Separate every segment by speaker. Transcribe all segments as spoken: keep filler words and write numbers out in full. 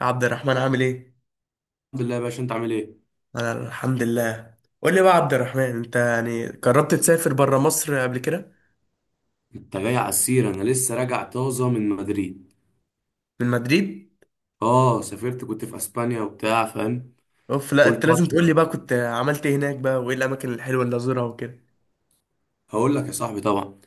Speaker 1: عبد الرحمن عامل ايه؟
Speaker 2: الحمد لله يا باشا، انت عامل ايه؟
Speaker 1: انا الحمد لله. قول لي بقى يا عبد الرحمن، انت يعني جربت تسافر بره مصر قبل كده؟
Speaker 2: انت جاي على السيرة، انا لسه راجع طازة من مدريد.
Speaker 1: من مدريد؟
Speaker 2: اه، سافرت كنت في اسبانيا وبتاع فاهم.
Speaker 1: اوف، لا
Speaker 2: قلت
Speaker 1: انت لازم تقول لي
Speaker 2: اطمن.
Speaker 1: بقى كنت عملت ايه هناك بقى، وايه الاماكن الحلوه اللي ازورها وكده.
Speaker 2: هقول لك يا صاحبي طبعا.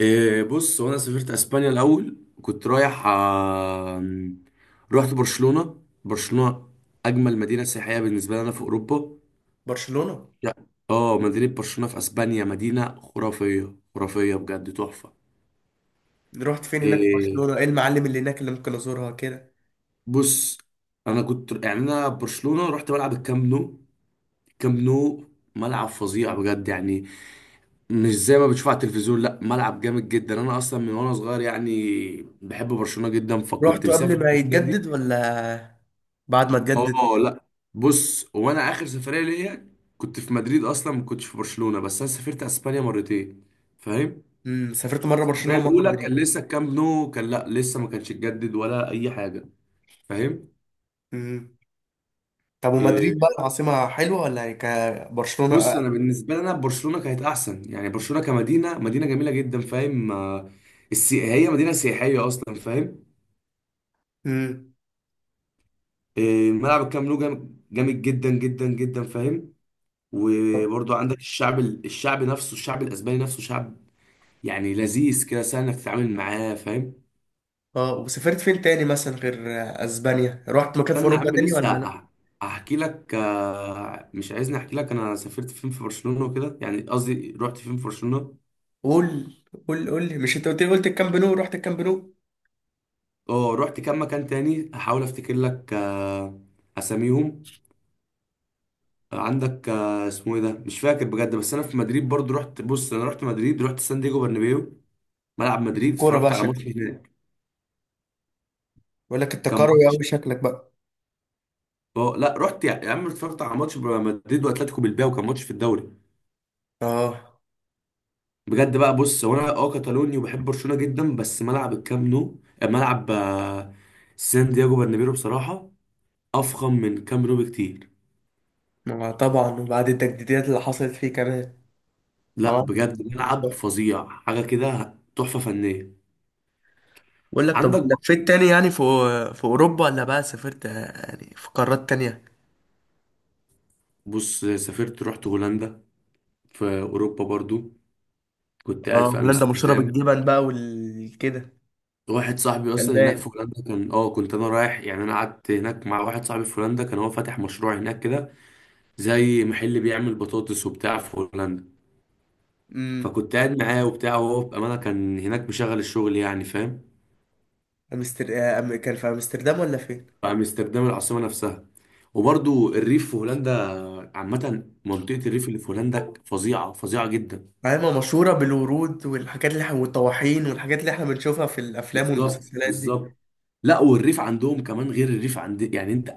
Speaker 2: إيه، بص، وانا سافرت اسبانيا الاول كنت رايح آه، رحت برشلونة. برشلونة اجمل مدينة سياحية بالنسبة لي انا في اوروبا.
Speaker 1: برشلونه؟
Speaker 2: لا، اه، مدينة برشلونة في اسبانيا مدينة خرافية، خرافية بجد، تحفة.
Speaker 1: رحت فين هناك في
Speaker 2: إيه،
Speaker 1: برشلونه، ايه المعالم اللي هناك اللي ممكن ازورها كده؟
Speaker 2: بص، انا كنت يعني انا برشلونة رحت بلعب الكامب نو. كامب نو ملعب فظيع بجد يعني، مش زي ما بتشوف على التلفزيون. لا، ملعب جامد جدا. انا اصلا من وانا صغير يعني بحب برشلونة جدا، فكنت
Speaker 1: رحت
Speaker 2: مسافر
Speaker 1: قبل ما
Speaker 2: السفرية
Speaker 1: يتجدد
Speaker 2: دي.
Speaker 1: ولا بعد ما اتجدد؟
Speaker 2: اه، لا، بص، وانا اخر سفرية ليا كنت في مدريد اصلا، ما كنتش في برشلونة، بس انا سافرت اسبانيا مرتين فاهم.
Speaker 1: امم سافرت مره
Speaker 2: السفرية
Speaker 1: برشلونه ومره
Speaker 2: الاولى
Speaker 1: مدريد.
Speaker 2: كان لسه الكامب نو كان، لا، لسه ما كانش اتجدد ولا اي حاجة فاهم.
Speaker 1: امم طب ومدريد
Speaker 2: آه،
Speaker 1: بقى العاصمه حلوه ولا هي كبرشلونه؟
Speaker 2: بص، انا بالنسبه لنا برشلونه كانت احسن يعني. برشلونه كمدينه، مدينه جميله جدا فاهم. آه، السي... هي مدينه سياحيه اصلا فاهم.
Speaker 1: امم
Speaker 2: آه، الملعب الكامب نو جام- جامد جدا جدا جدا فاهم. وبرضو عندك الشعب ال- الشعب نفسه، الشعب الاسباني نفسه شعب يعني لذيذ كده، سهل انك تتعامل معاه فاهم.
Speaker 1: اه، وسافرت فين تاني مثلا غير اسبانيا؟ رحت مكان في
Speaker 2: استنى يا
Speaker 1: اوروبا
Speaker 2: عم،
Speaker 1: تاني ولا
Speaker 2: لسه
Speaker 1: لا؟
Speaker 2: أح- احكي لك. آه، مش عايزني احكي لك انا سافرت فين في برشلونه وكده؟ يعني قصدي، رحت فين في برشلونه.
Speaker 1: قول، قول، قول لي. مش انت قلت لي، قلت الكامب نو؟ رحت الكامب نو.
Speaker 2: اه، رحت كام مكان تاني، احاول افتكر لك آه، اساميهم. عندك آه، اسمه ايه ده، مش فاكر بجد. بس انا في مدريد برضو رحت، بص، انا رحت مدريد، رحت سان دييجو برنابيو، ملعب
Speaker 1: ليك في
Speaker 2: مدريد،
Speaker 1: الكوره
Speaker 2: اتفرجت
Speaker 1: بقى
Speaker 2: على ماتش
Speaker 1: شكلك،
Speaker 2: هناك.
Speaker 1: بقول لك انت
Speaker 2: كان
Speaker 1: كروي
Speaker 2: ماتش،
Speaker 1: قوي شكلك بقى.
Speaker 2: اه، لا، رحت يا يا عم، اتفرجت على ماتش مدريد واتلتيكو بالباو، كان ماتش في الدوري.
Speaker 1: اه،
Speaker 2: بجد بقى، بص، هو انا اه كاتالوني وبحب برشلونة جدا، بس ملعب الكام نو ملعب آه، سان دييجو برنابيو بصراحة افخم من كام نو بكتير.
Speaker 1: ما طبعا، وبعد التجديدات اللي حصلت فيه كمان.
Speaker 2: لا
Speaker 1: اه،
Speaker 2: بجد، ملعب فظيع، حاجة كده تحفة فنية.
Speaker 1: بقول لك طب
Speaker 2: عندك،
Speaker 1: لفيت تاني يعني في، في اوروبا ولا بقى سافرت آه، يعني في قارات تانية؟
Speaker 2: بص، سافرت رحت هولندا، في اوروبا برضو، كنت
Speaker 1: اه،
Speaker 2: قاعد في
Speaker 1: هولندا مشهوره
Speaker 2: امستردام.
Speaker 1: بالجبن بقى والكده.
Speaker 2: واحد صاحبي اصلا هناك في
Speaker 1: البان.
Speaker 2: هولندا كان، اه، كنت انا رايح يعني، انا قعدت هناك مع واحد صاحبي في هولندا، كان هو فاتح مشروع هناك كده، زي محل بيعمل بطاطس وبتاع في هولندا.
Speaker 1: امم
Speaker 2: فكنت قاعد معاه وبتاع، وهو بامانه كان هناك مشغل الشغل يعني فاهم.
Speaker 1: أمستر... آه، أم- كان في امستردام ولا فين؟
Speaker 2: في امستردام، العاصمه نفسها. وبرضو الريف في هولندا، عامه منطقه الريف اللي في هولندا فظيعه، فظيعه جدا.
Speaker 1: عايمة مشهورة بالورود والحاجات اللي احنا، والطواحين والحاجات اللي احنا بنشوفها في الأفلام
Speaker 2: بالظبط،
Speaker 1: والمسلسلات دي.
Speaker 2: بالظبط. لا، والريف عندهم كمان غير الريف عند يعني انت.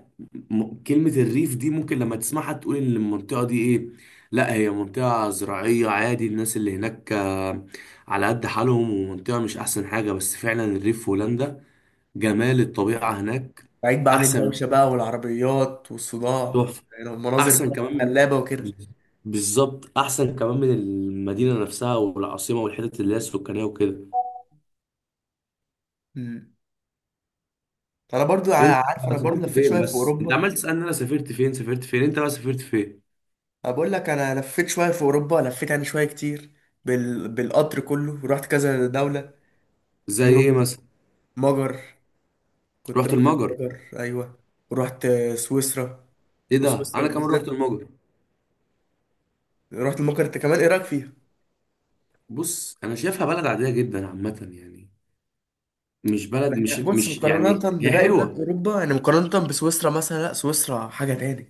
Speaker 2: م... كلمة الريف دي ممكن لما تسمعها تقول ان المنطقة دي ايه. لا، هي منطقة زراعية عادي، الناس اللي هناك آه، على قد حالهم، ومنطقة مش احسن حاجة، بس فعلا الريف في هولندا جمال الطبيعة هناك
Speaker 1: بعيد بقى عن
Speaker 2: احسن،
Speaker 1: الدوشة بقى والعربيات والصداع،
Speaker 2: تحفة.
Speaker 1: يعني المناظر
Speaker 2: احسن
Speaker 1: بقى
Speaker 2: كمان
Speaker 1: خلابة وكده.
Speaker 2: من، بالظبط، احسن كمان من المدينة نفسها والعاصمة والحتت اللي هي السكانية وكده.
Speaker 1: مم. أنا برضو
Speaker 2: انت
Speaker 1: ع- عارف، أنا برضو
Speaker 2: سافرت
Speaker 1: لفيت
Speaker 2: فين؟
Speaker 1: شوية في
Speaker 2: بس انت
Speaker 1: أوروبا.
Speaker 2: عمال تسالني انا سافرت فين، سافرت فين انت بقى؟ سافرت فين؟
Speaker 1: أنا بقول لك أنا لفيت شوية في أوروبا، لفيت يعني شوية كتير، بال... بالقطر كله، ورحت كذا دولة.
Speaker 2: زي ايه
Speaker 1: منهم
Speaker 2: مثلا؟
Speaker 1: مجر، كنت
Speaker 2: رحت
Speaker 1: رحت
Speaker 2: المجر.
Speaker 1: المجر أيوة. ورحت سويسرا،
Speaker 2: ايه ده، انا
Speaker 1: وسويسرا
Speaker 2: كمان رحت
Speaker 1: بالذات.
Speaker 2: المجر.
Speaker 1: رحت المجر أنت كمان، إيه رأيك فيها؟
Speaker 2: بص انا شايفها بلد عاديه جدا عامه يعني. مش بلد،
Speaker 1: ما هي-
Speaker 2: مش
Speaker 1: بص،
Speaker 2: مش
Speaker 1: مقارنة
Speaker 2: يعني، هي
Speaker 1: بباقي بلاد
Speaker 2: حلوه.
Speaker 1: أوروبا، يعني مقارنة بسويسرا مثلا، لا سويسرا حاجة تاني.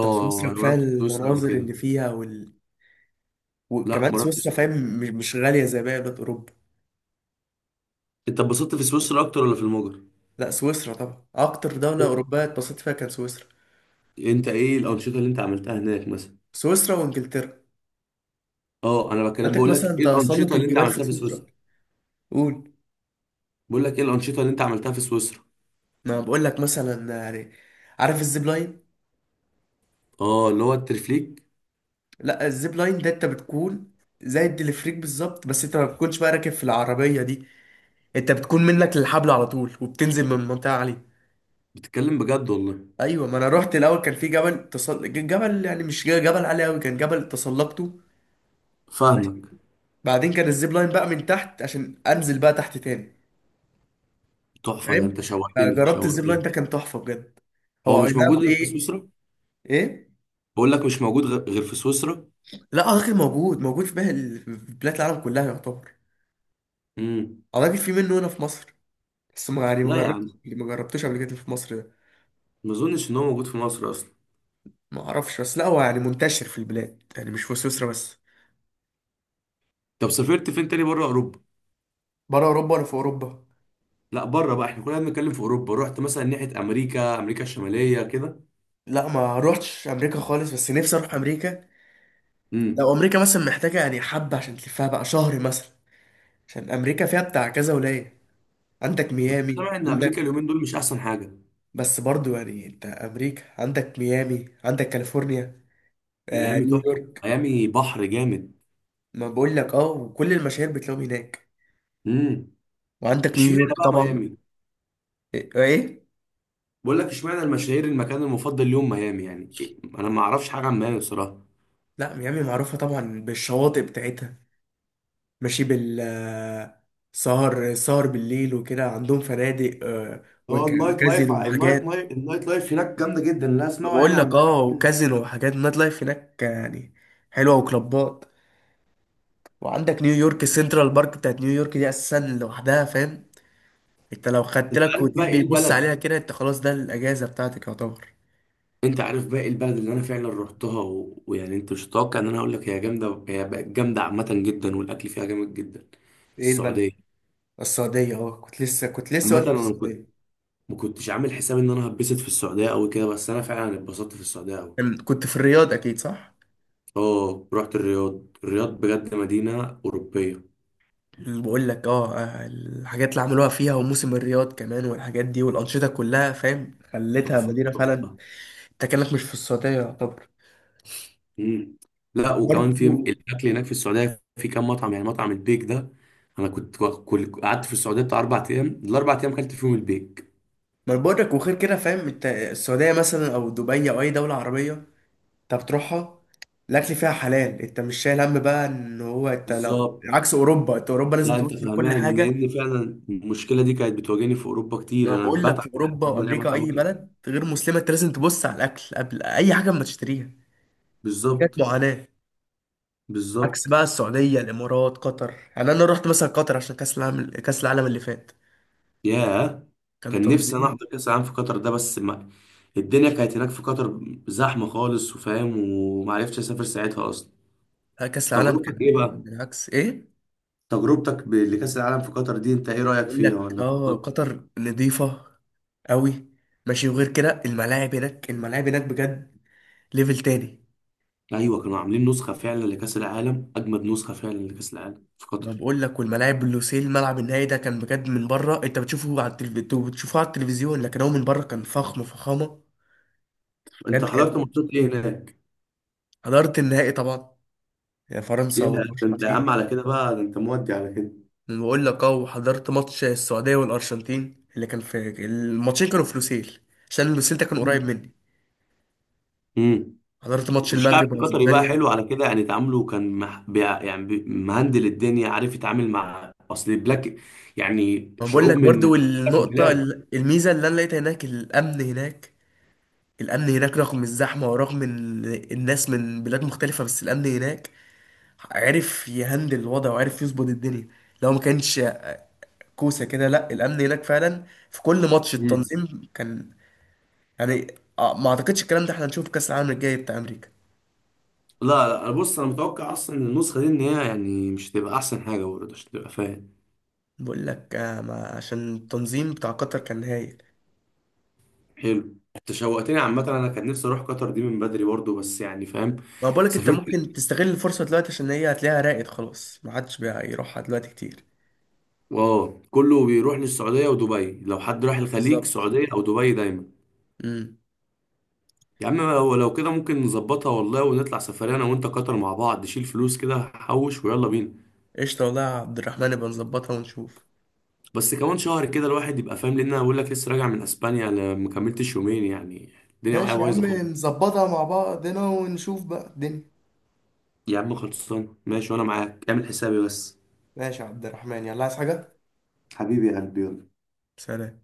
Speaker 1: طب سويسرا
Speaker 2: انا ما
Speaker 1: كفاية
Speaker 2: رحتش سويسرا قبل
Speaker 1: المناظر
Speaker 2: كده.
Speaker 1: اللي فيها وال...
Speaker 2: لا،
Speaker 1: وكمان
Speaker 2: ما رحتش
Speaker 1: سويسرا
Speaker 2: سويسرا.
Speaker 1: فاهم، مش مش غالية زي باقي بلاد أوروبا.
Speaker 2: انت اتبسطت في سويسرا اكتر ولا في المجر؟
Speaker 1: لا سويسرا طبعا أكتر دولة
Speaker 2: إيه-
Speaker 1: أوروبية اتبسطت فيها كان سويسرا.
Speaker 2: انت ايه الانشطه اللي انت عملتها هناك مثلا؟
Speaker 1: سويسرا وإنجلترا.
Speaker 2: اه، انا بكلم،
Speaker 1: عندك
Speaker 2: بقول لك
Speaker 1: مثلا
Speaker 2: ايه
Speaker 1: تسلق
Speaker 2: الانشطه اللي انت
Speaker 1: الجبال في
Speaker 2: عملتها في
Speaker 1: سويسرا.
Speaker 2: سويسرا.
Speaker 1: قول.
Speaker 2: بقول لك ايه الانشطه اللي انت عملتها في سويسرا.
Speaker 1: ما بقول لك مثلا يعني، عارف الزيب لاين؟
Speaker 2: اه، اللي هو الترفليك.
Speaker 1: لا، الزيب لاين ده أنت بتكون زي الدليفريك بالظبط، بس أنت ما بتكونش بقى راكب في العربية دي، انت بتكون منك للحبل على طول، وبتنزل من منطقه عاليه.
Speaker 2: بتتكلم بجد والله؟
Speaker 1: ايوه، ما انا رحت الاول، كان في جبل تصل... جبل يعني مش جبل عالي قوي، كان جبل تسلقته. ماشي.
Speaker 2: فاهمك.
Speaker 1: بعدين كان الزيب لاين بقى من تحت عشان انزل بقى تحت تاني.
Speaker 2: تحفة، ده
Speaker 1: فاهم.
Speaker 2: انت شوقتني،
Speaker 1: فجربت الزيب لاين
Speaker 2: شوقتني.
Speaker 1: ده، كان تحفه بجد.
Speaker 2: هو
Speaker 1: هو اي
Speaker 2: مش
Speaker 1: نعم،
Speaker 2: موجود غير في
Speaker 1: ايه.
Speaker 2: سويسرا؟
Speaker 1: ايه.
Speaker 2: بقول لك مش موجود غ- غير في سويسرا.
Speaker 1: لا، اعتقد موجود، موجود في بقى ال- في بلاد العالم كلها يعتبر.
Speaker 2: امم.
Speaker 1: اعتقد في منه هنا في مصر، بس ما يعني ما
Speaker 2: لا يا
Speaker 1: جربتش
Speaker 2: عم،
Speaker 1: ما جربتوش قبل كده في مصر ده.
Speaker 2: ما اظنش ان هو موجود في مصر اصلا.
Speaker 1: ما اعرفش، بس لا هو يعني منتشر في البلاد، يعني مش في سويسرا بس.
Speaker 2: طب سافرت فين تاني بره اوروبا؟
Speaker 1: بره اوروبا ولا في اوروبا؟
Speaker 2: لا، بره بقى، احنا كلنا بنتكلم في اوروبا. رحت مثلا ناحية امريكا، امريكا الشمالية كده؟
Speaker 1: لا، ما روحتش امريكا خالص، بس نفسي اروح امريكا. لو
Speaker 2: امم.
Speaker 1: امريكا مثلا محتاجه يعني حبه عشان تلفها بقى شهر مثلا، عشان امريكا فيها بتاع كذا ولايه. عندك
Speaker 2: بس
Speaker 1: ميامي،
Speaker 2: سامع ان امريكا
Speaker 1: عندك،
Speaker 2: اليومين دول مش احسن حاجة.
Speaker 1: بس برضو يعني انت امريكا عندك ميامي، عندك كاليفورنيا، آه
Speaker 2: ميامي تحفة،
Speaker 1: نيويورك.
Speaker 2: ميامي بحر جامد.
Speaker 1: ما بقول لك اه، وكل المشاهير بتلاقيهم هناك.
Speaker 2: امم.
Speaker 1: وعندك
Speaker 2: اشمعنى
Speaker 1: نيويورك
Speaker 2: بقى
Speaker 1: طبعا.
Speaker 2: ميامي؟
Speaker 1: ايه إيه؟
Speaker 2: بقول لك، اشمعنى المشاهير المكان المفضل ليهم ميامي يعني إيه؟ انا ما اعرفش حاجة عن ميامي بصراحة.
Speaker 1: لا، ميامي معروفه طبعا بالشواطئ بتاعتها. ماشي، بال آه، سهر، سهر بالليل وكده، عندهم فنادق، آه،
Speaker 2: هو
Speaker 1: وك-
Speaker 2: النايت لايف،
Speaker 1: وكازينو
Speaker 2: النايت
Speaker 1: وحاجات.
Speaker 2: لايف النايت لايف هناك جامده جدا، لا اسمعوا يعني
Speaker 1: بقول
Speaker 2: عن
Speaker 1: لك
Speaker 2: ميامي.
Speaker 1: اه، وكازينو وحاجات، نايت لايف هناك يعني حلوه، وكلوبات. وعندك نيويورك، سنترال بارك بتاعت نيويورك دي اساسا لوحدها فاهم، انت لو خدت
Speaker 2: انت
Speaker 1: لك
Speaker 2: عارف
Speaker 1: هوتيل
Speaker 2: بقى ايه
Speaker 1: بيبص
Speaker 2: البلد،
Speaker 1: عليها كده، انت خلاص ده الاجازه بتاعتك يعتبر.
Speaker 2: انت عارف بقى ايه البلد اللي انا فعلا رحتها و... ويعني انت مش هتتوقع ان انا اقول لك هي جامده، هي بقت جامده عامه جدا والاكل فيها جامد جدا.
Speaker 1: ايه البلد؟
Speaker 2: السعوديه.
Speaker 1: السعوديه. اه، كنت لسه، كنت لسه
Speaker 2: عامه
Speaker 1: اقول لك
Speaker 2: انا كنت،
Speaker 1: السعوديه.
Speaker 2: ما كنتش عامل حساب ان انا هتبسط في السعوديه قوي كده، بس انا فعلا اتبسطت في السعوديه قوي.
Speaker 1: كان- كنت في الرياض اكيد صح؟
Speaker 2: اه، رحت الرياض. الرياض بجد مدينه اوروبيه،
Speaker 1: بقول لك اه، آه، الحاجات اللي عملوها فيها، وموسم الرياض كمان والحاجات دي والانشطه كلها فاهم، خلتها
Speaker 2: تحفه،
Speaker 1: مدينه فعلا.
Speaker 2: تحفه.
Speaker 1: انت كانك مش في السعوديه يعتبر.
Speaker 2: مم. لا،
Speaker 1: برضه،
Speaker 2: وكمان في الاكل هناك في السعوديه، في كام مطعم يعني، مطعم البيك ده. انا كنت كل قعدت في السعوديه بتاع اربع ايام، الاربع ايام اكلت فيهم البيك.
Speaker 1: ما بقولك، وغير كده فاهم، انت السعودية مثلا أو دبي أو أي دولة عربية أنت بتروحها، الأكل فيها حلال، أنت مش شايل هم بقى إن هو، أنت لو
Speaker 2: بالظبط.
Speaker 1: عكس أوروبا، أنت أوروبا لازم
Speaker 2: لا،
Speaker 1: تبص
Speaker 2: انت
Speaker 1: على كل
Speaker 2: فاهمان،
Speaker 1: حاجة.
Speaker 2: لان فعلا المشكله دي كانت بتواجهني في اوروبا
Speaker 1: ما
Speaker 2: كتير،
Speaker 1: أنا
Speaker 2: انا
Speaker 1: بقول
Speaker 2: بتعب
Speaker 1: لك، في أوروبا
Speaker 2: لما الاقي
Speaker 1: وأمريكا
Speaker 2: مطعم
Speaker 1: أي
Speaker 2: اكل.
Speaker 1: بلد غير مسلمة أنت لازم تبص على الأكل قبل أي حاجة ما تشتريها. حاجات
Speaker 2: بالظبط،
Speaker 1: معاناة. عكس
Speaker 2: بالظبط.
Speaker 1: بقى السعودية، الإمارات، قطر. يعني أنا رحت مثلا قطر عشان كأس العالم، كأس العالم اللي فات
Speaker 2: ياه.
Speaker 1: كان
Speaker 2: كان نفسي انا
Speaker 1: تنظيم،
Speaker 2: احضر كاس العالم في قطر ده، بس ما، الدنيا كانت هناك في قطر زحمه خالص وفاهم، ومعرفتش اسافر ساعتها اصلا.
Speaker 1: آه، كأس العالم كان
Speaker 2: تجربتك ايه بقى؟
Speaker 1: بالعكس. إيه؟
Speaker 2: تجربتك ب- لكأس العالم في قطر دي انت ايه رأيك
Speaker 1: بقول
Speaker 2: فيها،
Speaker 1: لك
Speaker 2: ولا
Speaker 1: اه،
Speaker 2: انبسطت؟
Speaker 1: قطر نظيفة قوي. ماشي، وغير كده الملاعب هناك، الملاعب هناك بجد ليفل تاني.
Speaker 2: ايوه، كانوا عاملين نسخه فعلا لكاس العالم، اجمد نسخه فعلا لكاس العالم في
Speaker 1: ما
Speaker 2: قطر.
Speaker 1: بقول لك، والملاعب، لوسيل الملعب النهائي ده كان بجد، من بره انت بتشوفه على التلف... انتوا بتشوفوه على التلفزيون، لكن هو من بره كان فخم فخامة
Speaker 2: انت
Speaker 1: بجد.
Speaker 2: حضرت
Speaker 1: كان
Speaker 2: ماتشات ايه هناك؟
Speaker 1: حضرت النهائي طبعا، يا فرنسا
Speaker 2: يا ده، انت يا
Speaker 1: والارجنتين.
Speaker 2: عم على كده بقى، ده انت مودي على كده.
Speaker 1: أنا بقول لك اه، وحضرت ماتش السعودية والارجنتين، اللي كان في الماتشين كانوا في لوسيل، عشان لوسيل ده كان قريب مني.
Speaker 2: امم.
Speaker 1: حضرت ماتش
Speaker 2: والشعب
Speaker 1: المغرب
Speaker 2: القطري بقى
Speaker 1: واسبانيا.
Speaker 2: حلو على كده يعني، تعامله كان مح... بيع... يعني بي- مهندل الدنيا، عارف يتعامل مع اصل البلاك يعني
Speaker 1: ما بقول
Speaker 2: شعوب
Speaker 1: لك
Speaker 2: من
Speaker 1: برضو،
Speaker 2: مختلف
Speaker 1: النقطة
Speaker 2: البلاد.
Speaker 1: ال- الميزة اللي أنا لقيتها هناك، الأمن هناك، الأمن هناك رغم الزحمة، ورغم إن الناس من بلاد مختلفة، بس الأمن هناك عرف يهندل الوضع، وعرف يظبط الدنيا. لو ما كانش كوسة كده، لا الأمن هناك فعلا، في كل ماتش
Speaker 2: امم.
Speaker 1: التنظيم كان يعني، آه، ما أعتقدش الكلام ده، احنا هنشوف كأس العالم الجاي بتاع أمريكا.
Speaker 2: لا لا، انا بص، انا متوقع اصلا النسخه دي ان هي يعني مش هتبقى احسن حاجه برضه عشان تبقى فاهم.
Speaker 1: بقول لك آه، ما عشان التنظيم بتاع قطر كان هايل.
Speaker 2: حلو، انت شوقتني. عامة انا كان نفسي اروح قطر دي من بدري برضو، بس يعني فاهم.
Speaker 1: ما بقول لك، أنت
Speaker 2: سافرت،
Speaker 1: ممكن تستغل الفرصة دلوقتي، عشان هي هتلاقيها راقد خلاص، ما عادش بيروحها دلوقتي كتير.
Speaker 2: واو، كله بيروح للسعودية ودبي. لو حد راح الخليج،
Speaker 1: بالظبط.
Speaker 2: سعودية او دبي دايما.
Speaker 1: امم
Speaker 2: يا عم، لو لو كده ممكن نظبطها والله، ونطلع سفرية انا وانت قطر مع بعض، نشيل فلوس كده حوش ويلا بينا.
Speaker 1: قشطة والله يا عبد الرحمن، يبقى نظبطها ونشوف.
Speaker 2: بس كمان شهر كده الواحد يبقى فاهم، لان انا بقول لك لسه راجع من اسبانيا، انا ما كملتش يومين يعني، الدنيا معايا
Speaker 1: ماشي يا
Speaker 2: بايظة
Speaker 1: عم،
Speaker 2: خالص.
Speaker 1: نظبطها مع بعضنا ونشوف بقى الدنيا.
Speaker 2: يا عم خلصان، ماشي، وانا معاك، اعمل حسابي بس.
Speaker 1: ماشي يا عبد الرحمن، يلا عايز حاجة؟
Speaker 2: حبيبي يا قلبي، يلا.
Speaker 1: سلام.